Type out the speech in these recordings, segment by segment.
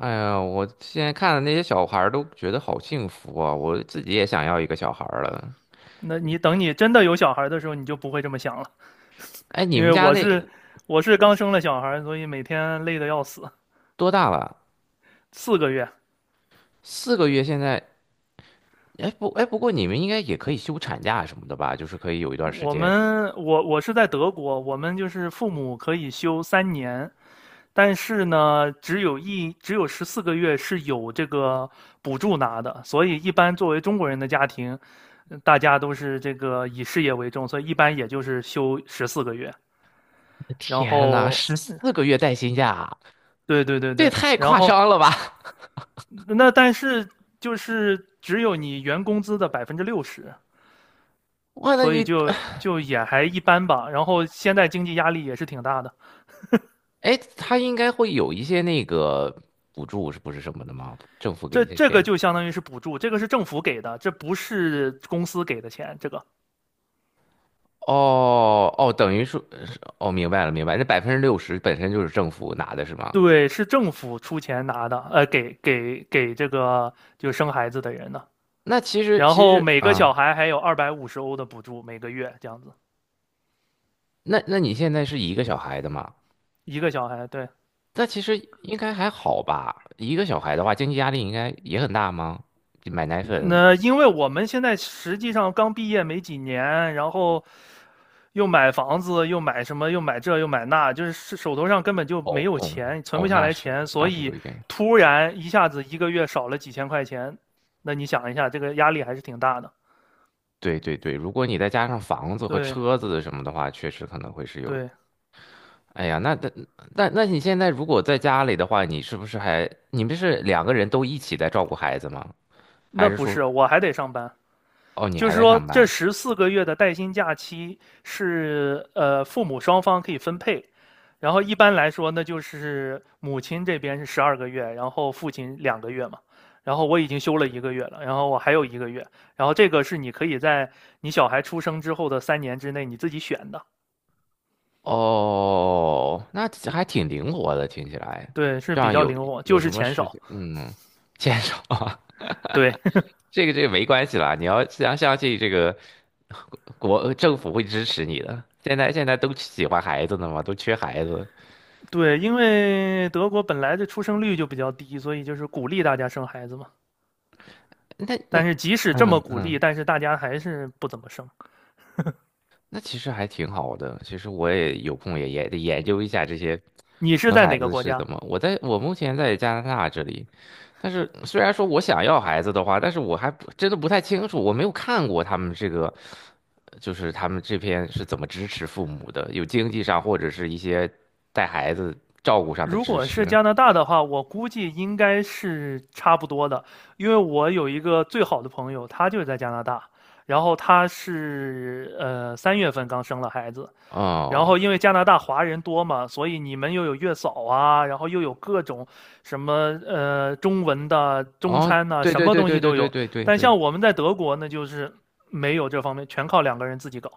哎呀，我现在看的那些小孩儿都觉得好幸福啊！我自己也想要一个小孩儿了。那你等你真的有小孩的时候，你就不会这么想了，哎，你因们为家我那是我是刚生了小孩，所以每天累得要死。多大了？四个月，四个月现在？哎不过你们应该也可以休产假什么的吧？就是可以有一段时我间。们我我是在德国，我们就是父母可以休三年，但是呢，只有十四个月是有这个补助拿的，所以一般作为中国人的家庭，大家都是这个以事业为重，所以一般也就是休十四个月。然天呐，后，14个月带薪假，对对对这也对，太然夸后张了吧！那但是就是只有你原工资的60%，哇，那所以你，就也还一般吧。然后现在经济压力也是挺大的，哎，他应该会有一些那个补助，是不是什么的吗？政府给这一些这个钱。就相当于是补助，这个是政府给的，这不是公司给的钱，这个。哦哦，等于说，哦，明白了，明白，那60%本身就是政府拿的是吗？对，是政府出钱拿的，给这个就生孩子的人的。那其实然其后实每个啊，小孩还有250欧的补助，每个月这样子，那你现在是一个小孩的嘛？一个小孩，对，那其实应该还好吧？一个小孩的话，经济压力应该也很大吗？买奶粉，那因为我们现在实际上刚毕业没几年，然后又买房子，又买什么，又买这，又买那，就是是手头上根本就没哦有哦钱，存哦，不下那来是钱，那所是有以一点。突然一下子一个月少了几千块钱，那你想一下，这个压力还是挺大的。对对对，如果你再加上房子和对车子什么的话，确实可能会是有。对，哎呀，那你现在如果在家里的话，你是不是还你们是两个人都一起在照顾孩子吗？那还是不说是，我还得上班。哦你就还是在说，上这班？十四个月的带薪假期是父母双方可以分配，然后一般来说呢，就是母亲这边是12个月，然后父亲2个月嘛。然后我已经休了一个月了，然后我还有一个月，然后这个是你可以在你小孩出生之后的3年之内你自己选的，哦，那还挺灵活的，听起来。对，是这比样较有灵活，有就是什么钱事少，情？嗯，牵手啊，对。 这个没关系啦。你要相信这个国政府会支持你的。现在都喜欢孩子呢嘛，都缺孩子。对，因为德国本来的出生率就比较低，所以就是鼓励大家生孩子嘛。那但是即使这嗯么鼓励，嗯。但是大家还是不怎么生。那其实还挺好的。其实我也有空也得研究一下这些你是生在孩哪个子国是家？怎么。我目前在加拿大这里，但是虽然说我想要孩子的话，但是我还不真的不太清楚，我没有看过他们这个，就是他们这边是怎么支持父母的，有经济上或者是一些带孩子照顾上的如支果是持。加拿大的话，我估计应该是差不多的，因为我有一个最好的朋友，他就在加拿大，然后他是3月份刚生了孩子，然哦后因为加拿大华人多嘛，所以你们又有月嫂啊，然后又有各种什么中文的中哦，餐呐、对什对么对东对西对都对有。对对但对，像我们在德国，那就是没有这方面，全靠两个人自己搞，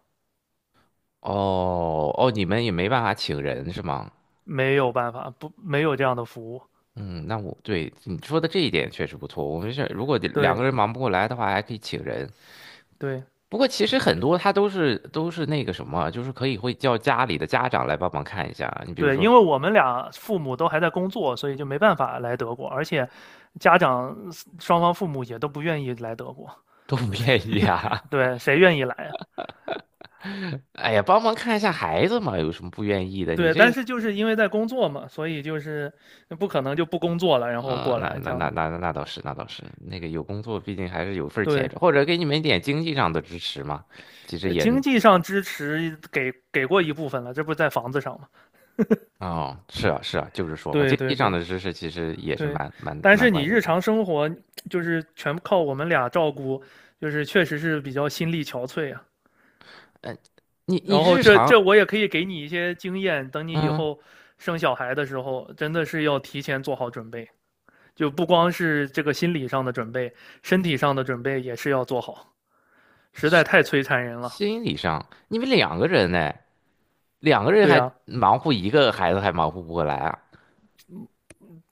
哦哦，你们也没办法请人是吗？没有办法，不，没有这样的服务。嗯，那我对你说的这一点确实不错。我们是如果得两对个人忙不过来的话，还可以请人。对。不过其实很多他都是那个什么，就是可以会叫家里的家长来帮忙看一下。你比如对，说 因为我 们俩父母都还在工作，所以就没办法来德国，而且家长双方父母也都不愿意来德国。都不愿意啊，对，谁愿意来啊？哎呀，帮忙看一下孩子嘛，有什么不愿意的？你对，但这，是就是因为在工作嘛，所以就是不可能就不工作了，然后呃，过那来那这样那子。那那倒是，那倒是，那个有工作，毕竟还是有份儿钱，对，或者给你们一点经济上的支持嘛。其实也，经济上支持给过一部分了，这不是在房子上嘛？哦，是啊，是啊，就是说嘛，对经济对上对的支持其实也是对，蛮蛮但蛮是你管用日的。常生活就是全靠我们俩照顾，就是确实是比较心力憔悴啊。嗯。你然后日这常我也可以给你一些经验，等你以嗯，后生小孩的时候，真的是要提前做好准备，就不光是这个心理上的准备，身体上的准备也是要做好，实在太摧残人了。心理上你们两个人呢，两个人对还呀，忙活一个孩子还忙活不过来啊？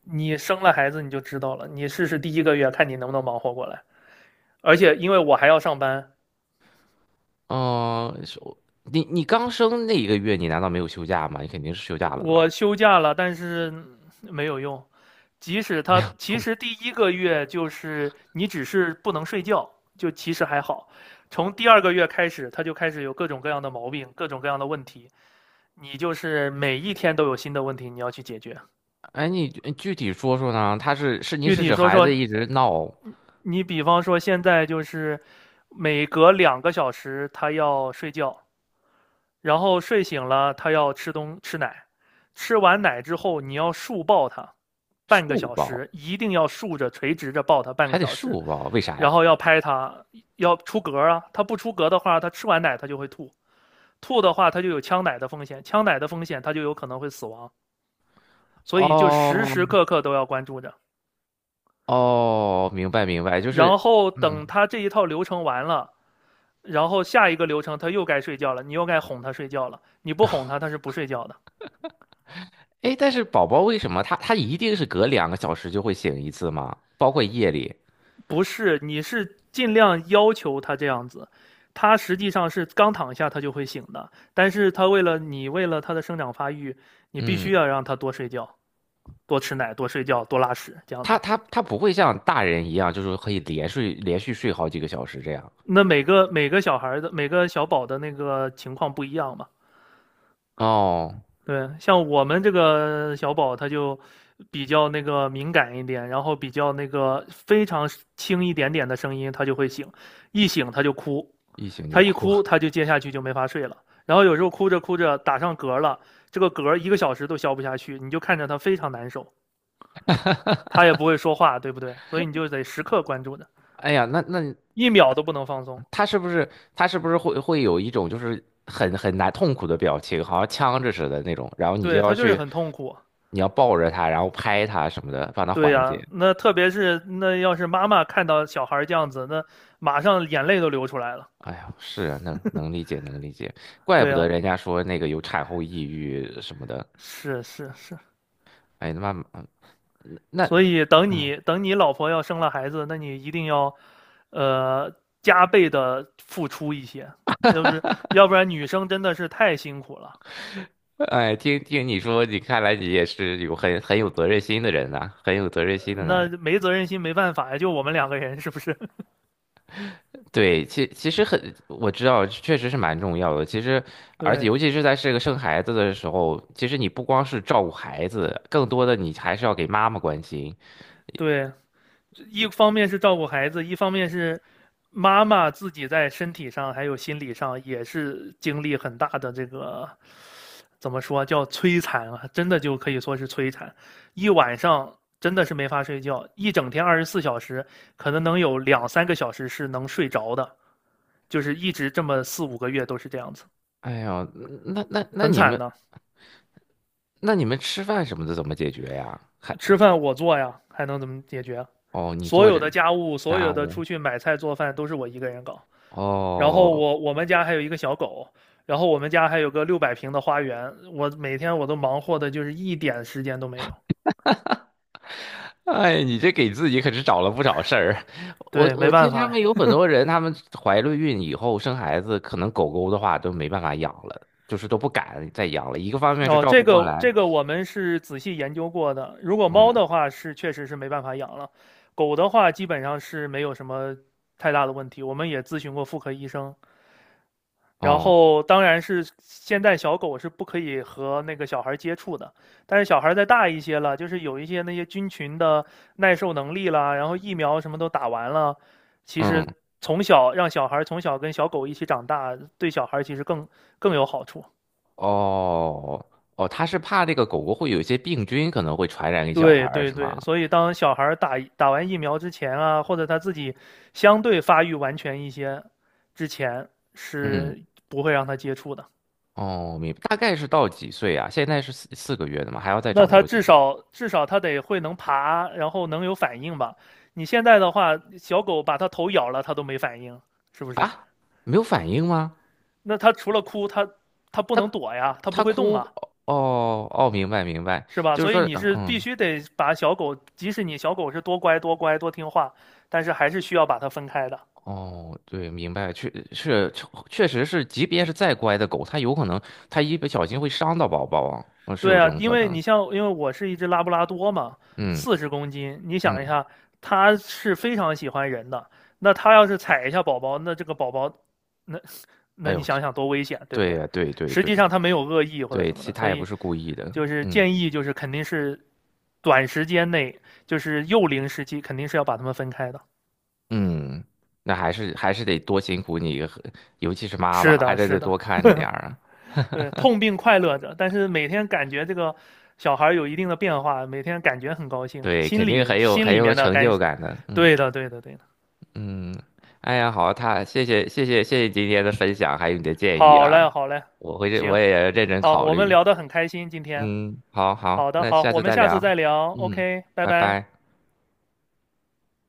你生了孩子你就知道了，你试试第一个月看你能不能忙活过来。而且因为我还要上班，嗯、是我你刚生那一个月，你难道没有休假吗？你肯定是休假了的吧？我休假了，但是没有用。即使他 其空实第一个月就是你只是不能睡觉，就其实还好。从第二个月开始，他就开始有各种各样的毛病，各种各样的问题。你就是每一天都有新的问题你要去解决。哎，你具体说说呢？他是是你具是体指说孩说，子一直闹你比方说现在就是每隔2个小时他要睡觉，然后睡醒了，他要吃奶，吃完奶之后你要竖抱他，半个竖小抱，时，一定要竖着垂直着抱他半个还得小时，竖抱，为啥然呀？后要拍他，要出嗝啊，他不出嗝的话，他吃完奶他就会吐，吐的话他就有呛奶的风险，呛奶的风险他就有可能会死亡，所以就时哦时刻刻都要关注着。哦，明白明白，就是然后等嗯，他这一套流程完了，然后下一个流程他又该睡觉了，你又该哄他睡觉了，你不哄他他是不睡觉的。哎，但是宝宝为什么他一定是隔2个小时就会醒一次吗？包括夜里，不是，你是尽量要求他这样子，他实际上是刚躺下他就会醒的，但是他为了你，为了他的生长发育，你必须嗯。要让他多睡觉、多吃奶、多睡觉、多拉屎这样他子。他他不会像大人一样，就是可以连睡连续睡好几个小时这样。那每个每个小孩的每个小宝的那个情况不一样嘛？哦，对，像我们这个小宝他就比较那个敏感一点，然后比较那个非常轻一点点的声音他就会醒，一醒他就哭，一醒就他一哭。哭他就接下去就没法睡了。然后有时候哭着哭着打上嗝了，这个嗝一个小时都消不下去，你就看着他非常难受，他也不会说话，对不对？所以你就得时刻关注着，哎呀，那那一秒都不能放松。他是不是他是不是会有一种就是很痛苦的表情，好像呛着似的那种，然后你就对要他就是去，很痛苦。你要抱着他，然后拍他什么的，帮他对呀、缓啊解。那特别是那要是妈妈看到小孩这样子，那马上眼泪都流出来了。哎呀，是啊，能理解能理解，怪对不呀、得啊人家说那个有产后抑郁什么的。是是是，哎，那妈妈，那 所以等你老婆要生了孩子，那你一定要，呃，加倍的付出一些，要不是要不然女生真的是太辛苦了，哎，听听你说，你看来你也是有很有责任心的人呐、很有责任心的男那人。没责任心没办法呀，就我们两个人是不是？对，其实很，我知道，确实是蛮重要的。其实，而且对尤其是在这个生孩子的时候，其实你不光是照顾孩子，更多的你还是要给妈妈关心。对，一方面是照顾孩子，一方面是妈妈自己在身体上还有心理上也是经历很大的这个怎么说叫摧残啊，真的就可以说是摧残，一晚上真的是没法睡觉，一整天24小时，可能能有2、3个小时是能睡着的，就是一直这么4、5个月都是这样子，哎呀，那那那很你惨们的。那你们吃饭什么的怎么解决呀？还吃饭我做呀，还能怎么解决啊？哦，你所坐有的着，家务，所家有的务出去买菜做饭都是我一个人搞。然后哦。我们家还有一个小狗，然后我们家还有个600平的花园，我每天忙活的就是一点时间都没有。哎，你这给自己可是找了不少事儿。我对，没我听办他们法。有很多人，他们怀了孕以后生孩子，可能狗狗的话都没办法养了，就是都不敢再养了。一个方面是哦，照顾这不过个来，这个我们是仔细研究过的。如果猫嗯，的话是确实是没办法养了，狗的话基本上是没有什么太大的问题。我们也咨询过妇科医生，然哦，后当然是现在小狗是不可以和那个小孩接触的，但是小孩再大一些了，就是有一些那些菌群的耐受能力啦，然后疫苗什么都打完了，其嗯，实从小让小孩从小跟小狗一起长大，对小孩其实更有好处。哦，哦，他是怕那个狗狗会有一些病菌，可能会传染给小孩对儿，对是吗？对，所以当小孩打完疫苗之前啊，或者他自己相对发育完全一些之前，嗯，是不会让他接触的。哦，明白。大概是到几岁啊？现在是四个月的吗？还要再那长它多久至少它得会能爬，然后能有反应吧？你现在的话，小狗把它头咬了，它都没反应，是不是？啊？没有反应吗？那它除了哭，它不能他躲呀，它不他会动哭啊，哦哦，明白明白，是吧？就是所以说你是必嗯须得把小狗，即使你小狗是多乖多乖多听话，但是还是需要把它分开的。哦对，明白，确实是，即便是再乖的狗，它有可能它一不小心会伤到宝宝啊，嗯是对有这啊，种因可为能，你像，因为我是一只拉布拉多嘛，嗯40公斤，你想一嗯，下，它是非常喜欢人的。那它要是踩一下宝宝，那这个宝宝，那那哎你呦，想想多危险，对不对对？呀对对实际对上他没有恶意或者对，什其么实的，它所也以不是故意的，就是嗯建议就是肯定是短时间内就是幼龄时期肯定是要把他们分开的。嗯，那还是得多辛苦你和尤其是妈是妈，还的，是是得的，多看着点儿啊，对，痛并快乐着。但是每天感觉这个小孩有一定的变化，每天感觉很高兴，对，肯定很有心很里有面的成感，就感的，嗯。对的，对的，对的。嗯，哎呀，好，他谢谢谢谢谢谢今天的分享，还有你的建议好啦，嘞，好嘞，我会行，我也认真好，考我们虑。聊得很开心今天。嗯，好好好，的，那好，下我次们再下次聊。再聊。嗯，OK，拜拜拜。拜。